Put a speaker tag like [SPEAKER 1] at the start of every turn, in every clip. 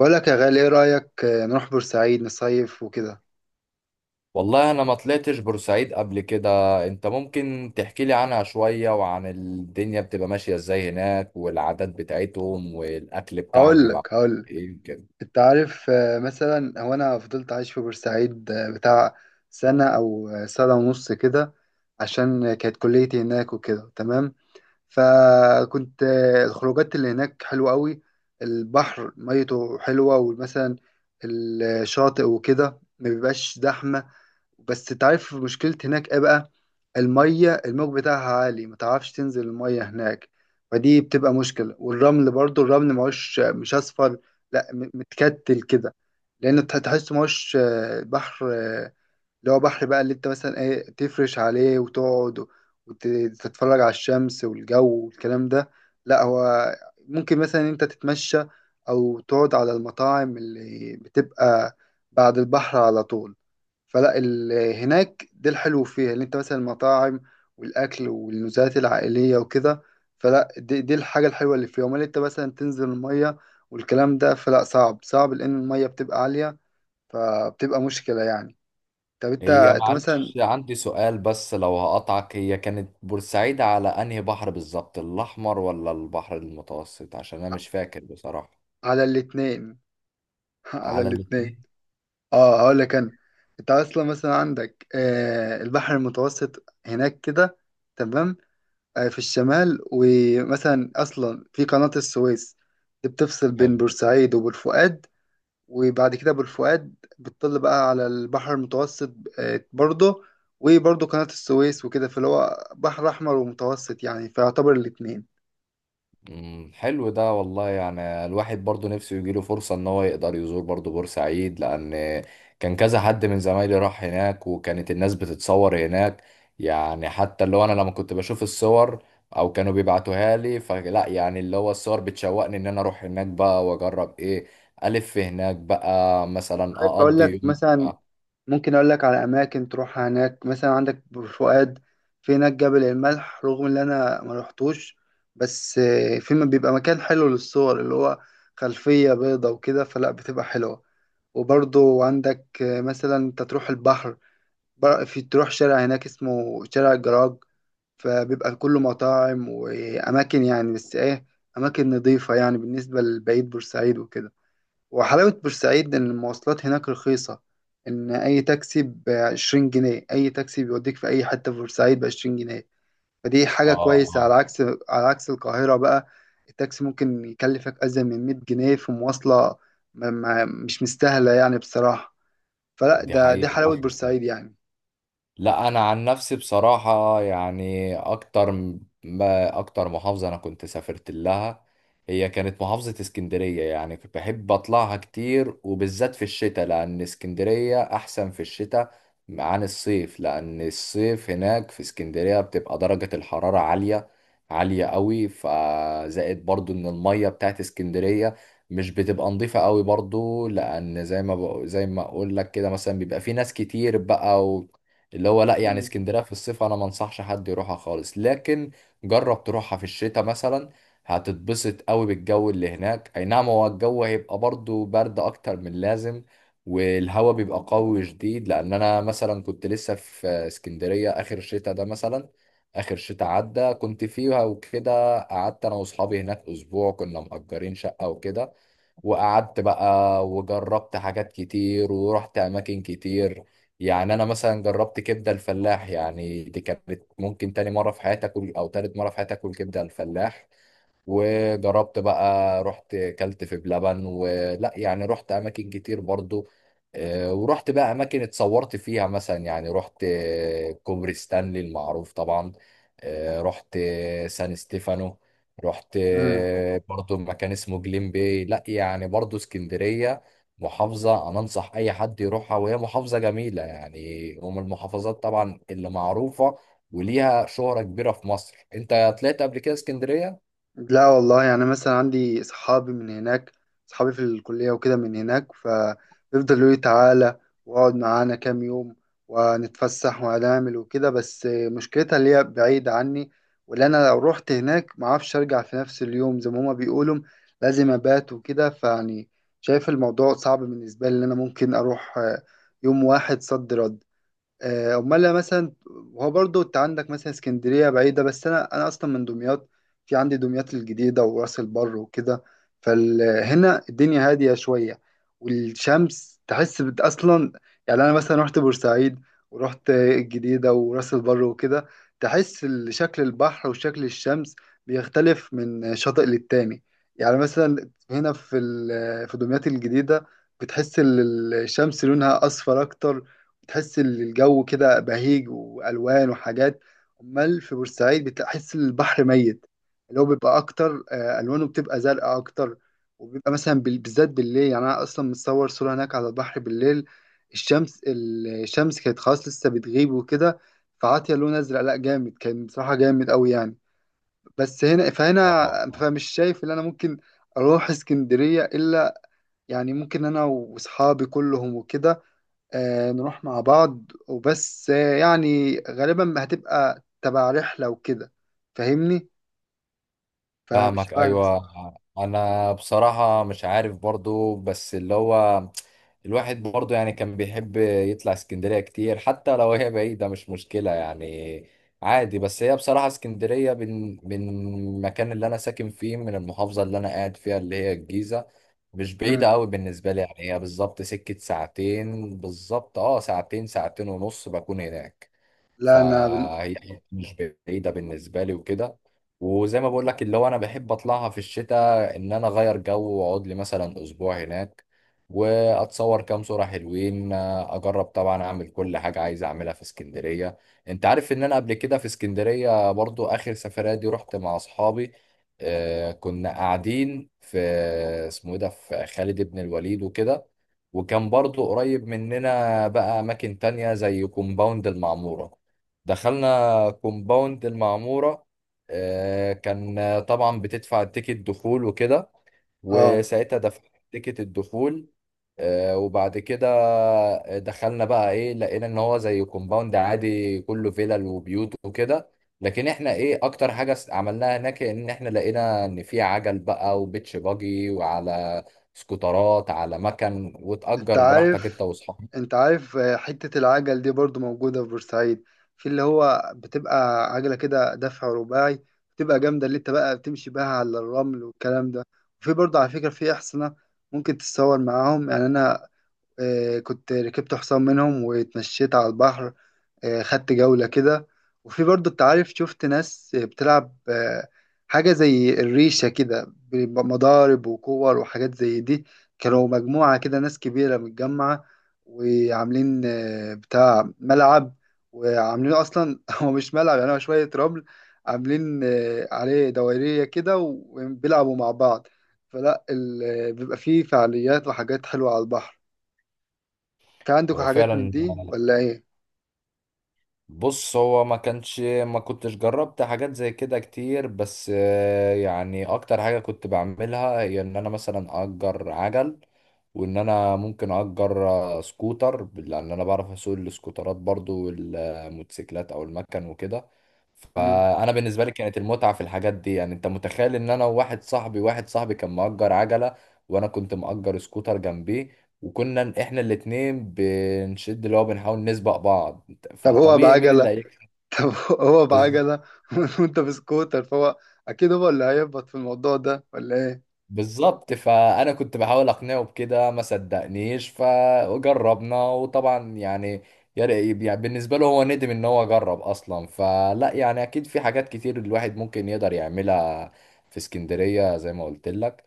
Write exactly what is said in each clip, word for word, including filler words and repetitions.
[SPEAKER 1] بقول لك يا غالي، ايه رأيك آه، نروح بورسعيد نصيف وكده.
[SPEAKER 2] والله انا ما طلعتش بورسعيد قبل كده. انت ممكن تحكي لي عنها شوية وعن الدنيا بتبقى ماشية ازاي هناك، والعادات بتاعتهم والاكل بتاعهم
[SPEAKER 1] هقول
[SPEAKER 2] بيبقى
[SPEAKER 1] لك هقول لك
[SPEAKER 2] ايه كده؟
[SPEAKER 1] انت عارف، آه، مثلا هو انا فضلت عايش في بورسعيد آه، بتاع سنة او آه، سنة ونص كده. عشان آه، كانت كليتي هناك وكده. تمام. فكنت آه، الخروجات اللي هناك حلوة قوي. البحر ميته حلوة، ومثلا الشاطئ وكده ما بيبقاش زحمة. بس انت عارف مشكلة هناك ايه بقى؟ المية، الموج بتاعها عالي، ما تعرفش تنزل المية هناك. فدي بتبقى مشكلة، والرمل برضو الرمل مش مش أصفر. لا، م- متكتل كده. لأن تح- تحس مش بحر آه، اللي هو بحر بقى، اللي انت مثلا ايه تفرش عليه وتقعد وتتفرج على الشمس والجو والكلام ده. لا، هو ممكن مثلا انت تتمشى او تقعد على المطاعم اللي بتبقى بعد البحر على طول. فلا ال- هناك ده الحلو فيها، اللي انت مثلا المطاعم والاكل والنزهات العائلية وكده. فلا دي, دي الحاجة الحلوة اللي فيها. امال انت مثلا تنزل المية والكلام ده، فلا صعب صعب لان المية بتبقى عالية. فبتبقى مشكلة يعني. طب انت
[SPEAKER 2] هي
[SPEAKER 1] انت مثلا.
[SPEAKER 2] معلش عندي سؤال بس لو هقطعك، هي كانت بورسعيد على انهي بحر بالظبط، الاحمر ولا البحر المتوسط؟ عشان انا مش فاكر بصراحة.
[SPEAKER 1] على الاتنين. على
[SPEAKER 2] على
[SPEAKER 1] الاتنين.
[SPEAKER 2] الاتنين.
[SPEAKER 1] اه، هقول لك انا. انت اصلا مثلا عندك آه البحر المتوسط هناك كده. تمام. آه في الشمال، ومثلا اصلا في قناة السويس دي بتفصل بين بورسعيد وبورفؤاد، وبعد كده بورفؤاد بتطل بقى على البحر المتوسط. آه برضه، وبرضه قناة السويس وكده، فاللي هو بحر احمر ومتوسط يعني، فيعتبر الاتنين.
[SPEAKER 2] مم، حلو ده والله، يعني الواحد برضو نفسه يجيله فرصة ان هو يقدر يزور برضو بورسعيد، لان كان كذا حد من زمايلي راح هناك وكانت الناس بتتصور هناك. يعني حتى اللي هو انا لما كنت بشوف الصور او كانوا بيبعتوها لي، فلا يعني اللي هو الصور بتشوقني ان انا اروح هناك بقى واجرب ايه الف هناك بقى، مثلا
[SPEAKER 1] عارف اقول
[SPEAKER 2] اقضي
[SPEAKER 1] لك
[SPEAKER 2] يوم
[SPEAKER 1] مثلا،
[SPEAKER 2] اه
[SPEAKER 1] ممكن اقول لك على اماكن تروح هناك. مثلا عندك بور فؤاد، في هناك جبل الملح، رغم ان انا ما رحتوش، بس آه، في م- بيبقى مكان حلو للصور، اللي هو خلفية بيضة وكده، فلا بتبقى حلوة. وبرضو عندك آه، مثلا انت تروح البحر، بر- في تروح شارع هناك اسمه شارع الجراج، فبيبقى كله مطاعم واماكن، يعني بس ايه، اماكن نظيفة يعني بالنسبة لبعيد بورسعيد وكده. وحلاوة بورسعيد إن المواصلات هناك رخيصة. إن أي تاكسي بعشرين جنيه، أي تاكسي بيوديك في أي حتة في بورسعيد بعشرين جنيه. فدي
[SPEAKER 2] اه،
[SPEAKER 1] حاجة كويسة، على
[SPEAKER 2] آه.
[SPEAKER 1] عكس على عكس القاهرة بقى. التاكسي ممكن يكلفك أزيد من مية جنيه في مواصلة. ما ما مش مستاهلة يعني بصراحة. فلا
[SPEAKER 2] دي
[SPEAKER 1] ده دي
[SPEAKER 2] حقيقة
[SPEAKER 1] حلاوة
[SPEAKER 2] حصل.
[SPEAKER 1] بورسعيد يعني.
[SPEAKER 2] لا، انا عن نفسي بصراحة يعني اكتر ما اكتر محافظة انا كنت سافرت لها هي كانت محافظة اسكندرية. يعني كنت بحب اطلعها كتير، وبالذات في الشتاء، لان اسكندرية احسن في الشتاء عن الصيف، لان الصيف هناك في اسكندرية بتبقى درجة الحرارة عالية، عالية قوي. فزائد برضو ان المية بتاعت اسكندرية مش بتبقى نظيفة قوي برضو، لأن زي ما بق... زي ما أقول لك كده، مثلا بيبقى في ناس كتير بقى، اللي هو لا يعني
[SPEAKER 1] مم.
[SPEAKER 2] اسكندريه في الصيف انا ما انصحش حد يروحها خالص، لكن جرب تروحها في الشتاء مثلا. هتتبسط قوي بالجو اللي هناك. اي نعم، هو الجو هيبقى برضو برد اكتر من اللازم، والهواء بيبقى قوي شديد، لان انا مثلا كنت لسه في اسكندريه اخر شتاء ده. مثلا اخر شتاء عدى كنت فيها وكده، قعدت انا واصحابي هناك اسبوع، كنا مأجرين شقه وكده. وقعدت بقى، وجربت حاجات كتير ورحت أماكن كتير. يعني أنا مثلا جربت كبدة الفلاح، يعني دي كانت ممكن تاني مرة في حياتي أكل أو تالت مرة في حياتي أكل كبدة الفلاح. وجربت بقى، رحت كلت في بلبن ولا، يعني رحت اماكن كتير برضو. آه، ورحت بقى اماكن اتصورت فيها، مثلا يعني رحت آه، كوبري ستانلي المعروف طبعا. آه، رحت آه، سان ستيفانو. رحت
[SPEAKER 1] مم.
[SPEAKER 2] آه، برضو مكان اسمه جليم باي. لا يعني برضو اسكندرية محافظة أنا أنصح أي حد يروحها، وهي محافظة جميلة يعني. ومن المحافظات طبعا اللي معروفة وليها شهرة كبيرة في مصر. أنت طلعت قبل كده اسكندرية؟
[SPEAKER 1] لا والله، يعني مثلا عندي صحابي من هناك، صحابي في الكلية وكده من هناك، فبيفضلوا يقولوا لي تعالى واقعد معانا كام يوم ونتفسح وهنعمل وكده، بس مشكلتها اللي هي بعيدة عني، واللي أنا لو رحت هناك معرفش أرجع في نفس اليوم، زي ما هما بيقولوا لازم أبات وكده، فيعني شايف الموضوع صعب بالنسبة لي، إن أنا ممكن أروح آه، يوم واحد صد رد. آه، امال لو مثلا، هو برضو انت عندك مثلا اسكندريه بعيده، بس انا انا اصلا من دمياط. في عندي دمياط الجديده وراس البر وكده، فهنا الدنيا هاديه شويه. والشمس تحس بت- اصلا، يعني انا مثلا رحت بورسعيد ورحت الجديده وراس البر وكده، تحس ال- شكل البحر وشكل الشمس بيختلف من شاطئ للتاني. يعني مثلا هنا في ال- في دمياط الجديده، بتحس ال- الشمس لونها اصفر اكتر، تحس ان الجو كده بهيج، والوان وحاجات. امال في بورسعيد بتحس البحر ميت، اللي هو بيبقى اكتر، آه، الوانه بتبقى زرقاء اكتر، وبيبقى مثلا بال- بالذات بالليل. يعني انا اصلا متصور صوره هناك على البحر بالليل، الشمس الشمس كانت خلاص لسه بتغيب وكده، فعاطيه لون ازرق، لا جامد، كان بصراحه جامد قوي يعني. بس هنا فهنا،
[SPEAKER 2] اه، آه.
[SPEAKER 1] فمش شايف ان انا ممكن اروح اسكندريه الا، يعني ممكن انا واصحابي كلهم وكده آه، نروح مع بعض وبس، آه، يعني غالبا هتبقى تبع رحلة وكده، فاهمني. فمش
[SPEAKER 2] فاهمك،
[SPEAKER 1] عارف
[SPEAKER 2] ايوه.
[SPEAKER 1] بصراحة.
[SPEAKER 2] انا بصراحه مش عارف برضو، بس اللي هو الواحد برضو يعني كان بيحب يطلع اسكندريه كتير حتى لو هي بعيده، مش مشكله يعني، عادي. بس هي بصراحه اسكندريه من من المكان اللي انا ساكن فيه، من المحافظه اللي انا قاعد فيها اللي هي الجيزه، مش بعيده
[SPEAKER 1] مم.
[SPEAKER 2] قوي بالنسبه لي. يعني هي بالظبط سكه ساعتين بالظبط، اه ساعتين، ساعتين ونص بكون هناك.
[SPEAKER 1] لا، انا بن...
[SPEAKER 2] فهي مش بعيدة بالنسبة لي وكده. وزي ما بقول لك اللي هو انا بحب اطلعها في الشتاء ان انا اغير جو واقعد لي مثلا اسبوع هناك، واتصور كام صورة حلوين، اجرب طبعا اعمل كل حاجة عايز اعملها في اسكندرية. انت عارف ان انا قبل كده في اسكندرية برضو اخر سفرية دي رحت مع اصحابي. آه كنا قاعدين في اسمه ايه ده، في خالد بن الوليد وكده، وكان برضو قريب مننا بقى اماكن تانية زي كومباوند المعمورة. دخلنا كومباوند المعمورة. آه، كان آه، طبعا بتدفع تيكت دخول وكده،
[SPEAKER 1] اه.
[SPEAKER 2] وساعتها دفعت تيكت الدخول. آه، وبعد كده دخلنا بقى ايه، لقينا ان هو زي كومباوند عادي، كله فيلل وبيوت وكده. لكن احنا ايه اكتر حاجة س- عملناها هناك، ان احنا لقينا ان في عجل بقى وبيتش باجي، وعلى سكوترات، على مكن،
[SPEAKER 1] انت
[SPEAKER 2] وتأجر براحتك انت
[SPEAKER 1] عارف
[SPEAKER 2] واصحابك.
[SPEAKER 1] انت عارف آه، حتة العجل دي برضو موجودة في بورسعيد، في اللي هو بتبقى عجلة كده دفع رباعي، بتبقى جامدة، اللي انت بقى بتمشي بها على الرمل والكلام ده. وفي برضو على فكرة في أحصنة، ممكن تتصور معاهم. يعني أنا آه، كنت ركبت حصان منهم واتمشيت على البحر، آه، خدت جولة كده. وفي برضو، انت عارف، شفت ناس بتلعب آه، حاجة زي الريشة كده بمضارب وكور وحاجات زي دي. كانوا مجموعة كده، ناس كبيرة متجمعة، وعاملين آه، بتاع ملعب، وعاملين أصلا هو مش ملعب، يعني هو شوية رمل، عاملين آه، عليه دوائرية كده وبيلعبوا مع بعض. فلا ال- آه، بيبقى فيه فعاليات وحاجات حلوة على البحر. في عندكم
[SPEAKER 2] هو
[SPEAKER 1] حاجات من
[SPEAKER 2] فعلا،
[SPEAKER 1] دي ولا ايه؟
[SPEAKER 2] بص هو ما كانش ما كنتش جربت حاجات زي كده كتير، بس آه، يعني اكتر حاجة كنت بعملها هي ان انا مثلا اجر عجل، وان انا ممكن اجر آه، سكوتر، لان انا بعرف اسوق السكوترات برضو والموتوسيكلات او المكن وكده.
[SPEAKER 1] مم.
[SPEAKER 2] فانا بالنسبه لي كانت المتعه في الحاجات دي. يعني انت متخيل ان انا وواحد صاحبي، واحد صاحبي كان مأجر عجله وانا كنت مأجر سكوتر جنبيه، وكنا احنا الاتنين بنشد اللي هو بنحاول نسبق بعض.
[SPEAKER 1] طب هو
[SPEAKER 2] فطبيعي مين اللي
[SPEAKER 1] بعجلة.
[SPEAKER 2] هيكسب؟
[SPEAKER 1] طب هو
[SPEAKER 2] بز-
[SPEAKER 1] بعجلة وانت بسكوتر، فهو اكيد هو اللي هيهبط في الموضوع ده، ولا ايه؟
[SPEAKER 2] بالظبط. فانا كنت بحاول اقنعه بكده، ما صدقنيش، فجربنا وطبعا يعني يا ري- يعني بالنسبه له هو ندم ان هو جرب اصلا. فلا يعني اكيد في حاجات كتير الواحد ممكن يقدر يعملها في اسكندريه زي ما قلت لك.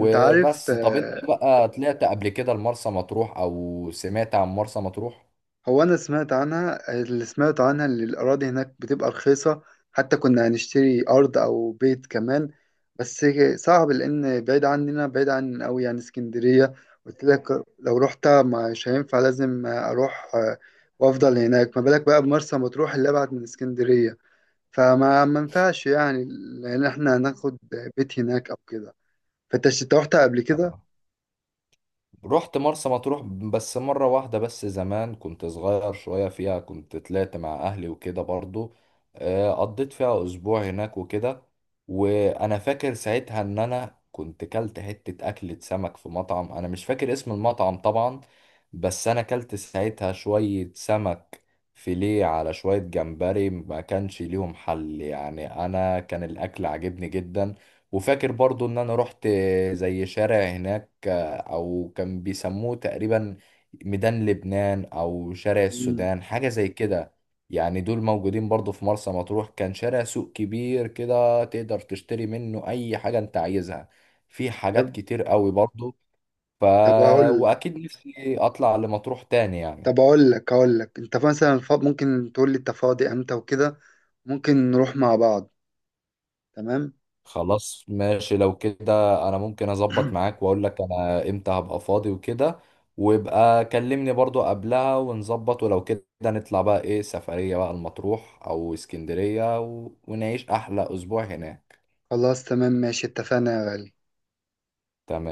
[SPEAKER 1] انت عارف،
[SPEAKER 2] طب انت
[SPEAKER 1] آه،
[SPEAKER 2] بقى طلعت قبل كده لمرسى مطروح او سمعت عن مرسى مطروح؟
[SPEAKER 1] هو انا سمعت عنها اللي سمعت عنها اللي الاراضي هناك بتبقى رخيصة، حتى كنا هنشتري ارض او بيت كمان، بس صعب لان بعيد عننا، بعيد عن قوي يعني اسكندرية. قلت لك، لو رحت مش هينفع، لازم اروح آه، وافضل هناك، ما بالك بقى بمرسى مطروح اللي ابعد من اسكندرية. فما ما ينفعش يعني، لان احنا هناخد بيت هناك او كده. فانت ش- انت رحت قبل كده؟
[SPEAKER 2] رحت مرسى مطروح بس مرة واحدة، بس زمان كنت صغير شوية فيها، كنت طلعت مع أهلي وكده برضو. آه، قضيت فيها أسبوع هناك وكده. وأنا فاكر ساعتها إن أنا كنت كلت حتة أكلة سمك في مطعم، أنا مش فاكر اسم المطعم طبعا، بس أنا كلت ساعتها شوية سمك فيليه على شوية جمبري، ما كانش ليهم حل، يعني أنا كان الأكل عجبني جدا. وفاكر برضو إن أنا رحت زي شارع هناك، او كان بيسموه تقريبا ميدان لبنان او شارع
[SPEAKER 1] مم.
[SPEAKER 2] السودان، حاجة زي كده. يعني دول موجودين برضو في مرسى مطروح. كان شارع سوق كبير كده، تقدر تشتري منه اي حاجة انت عايزها، في حاجات
[SPEAKER 1] طب
[SPEAKER 2] كتير قوي برضو. ف
[SPEAKER 1] طب اقول
[SPEAKER 2] واكيد نفسي اطلع لمطروح تاني يعني.
[SPEAKER 1] طب اقول لك اقول لك انت مثلا فا- ممكن تقول لي انت فاضي امتى وكده، ممكن نروح مع بعض. تمام.
[SPEAKER 2] خلاص ماشي، لو كده انا ممكن اظبط معاك واقول لك انا امتى هبقى فاضي وكده، ويبقى كلمني برضو قبلها ونظبط، ولو كده نطلع بقى ايه سفرية بقى المطروح او اسكندرية و... ونعيش احلى اسبوع هناك.
[SPEAKER 1] خلاص، تمام، ماشي، اتفقنا يا غالي.
[SPEAKER 2] تمام.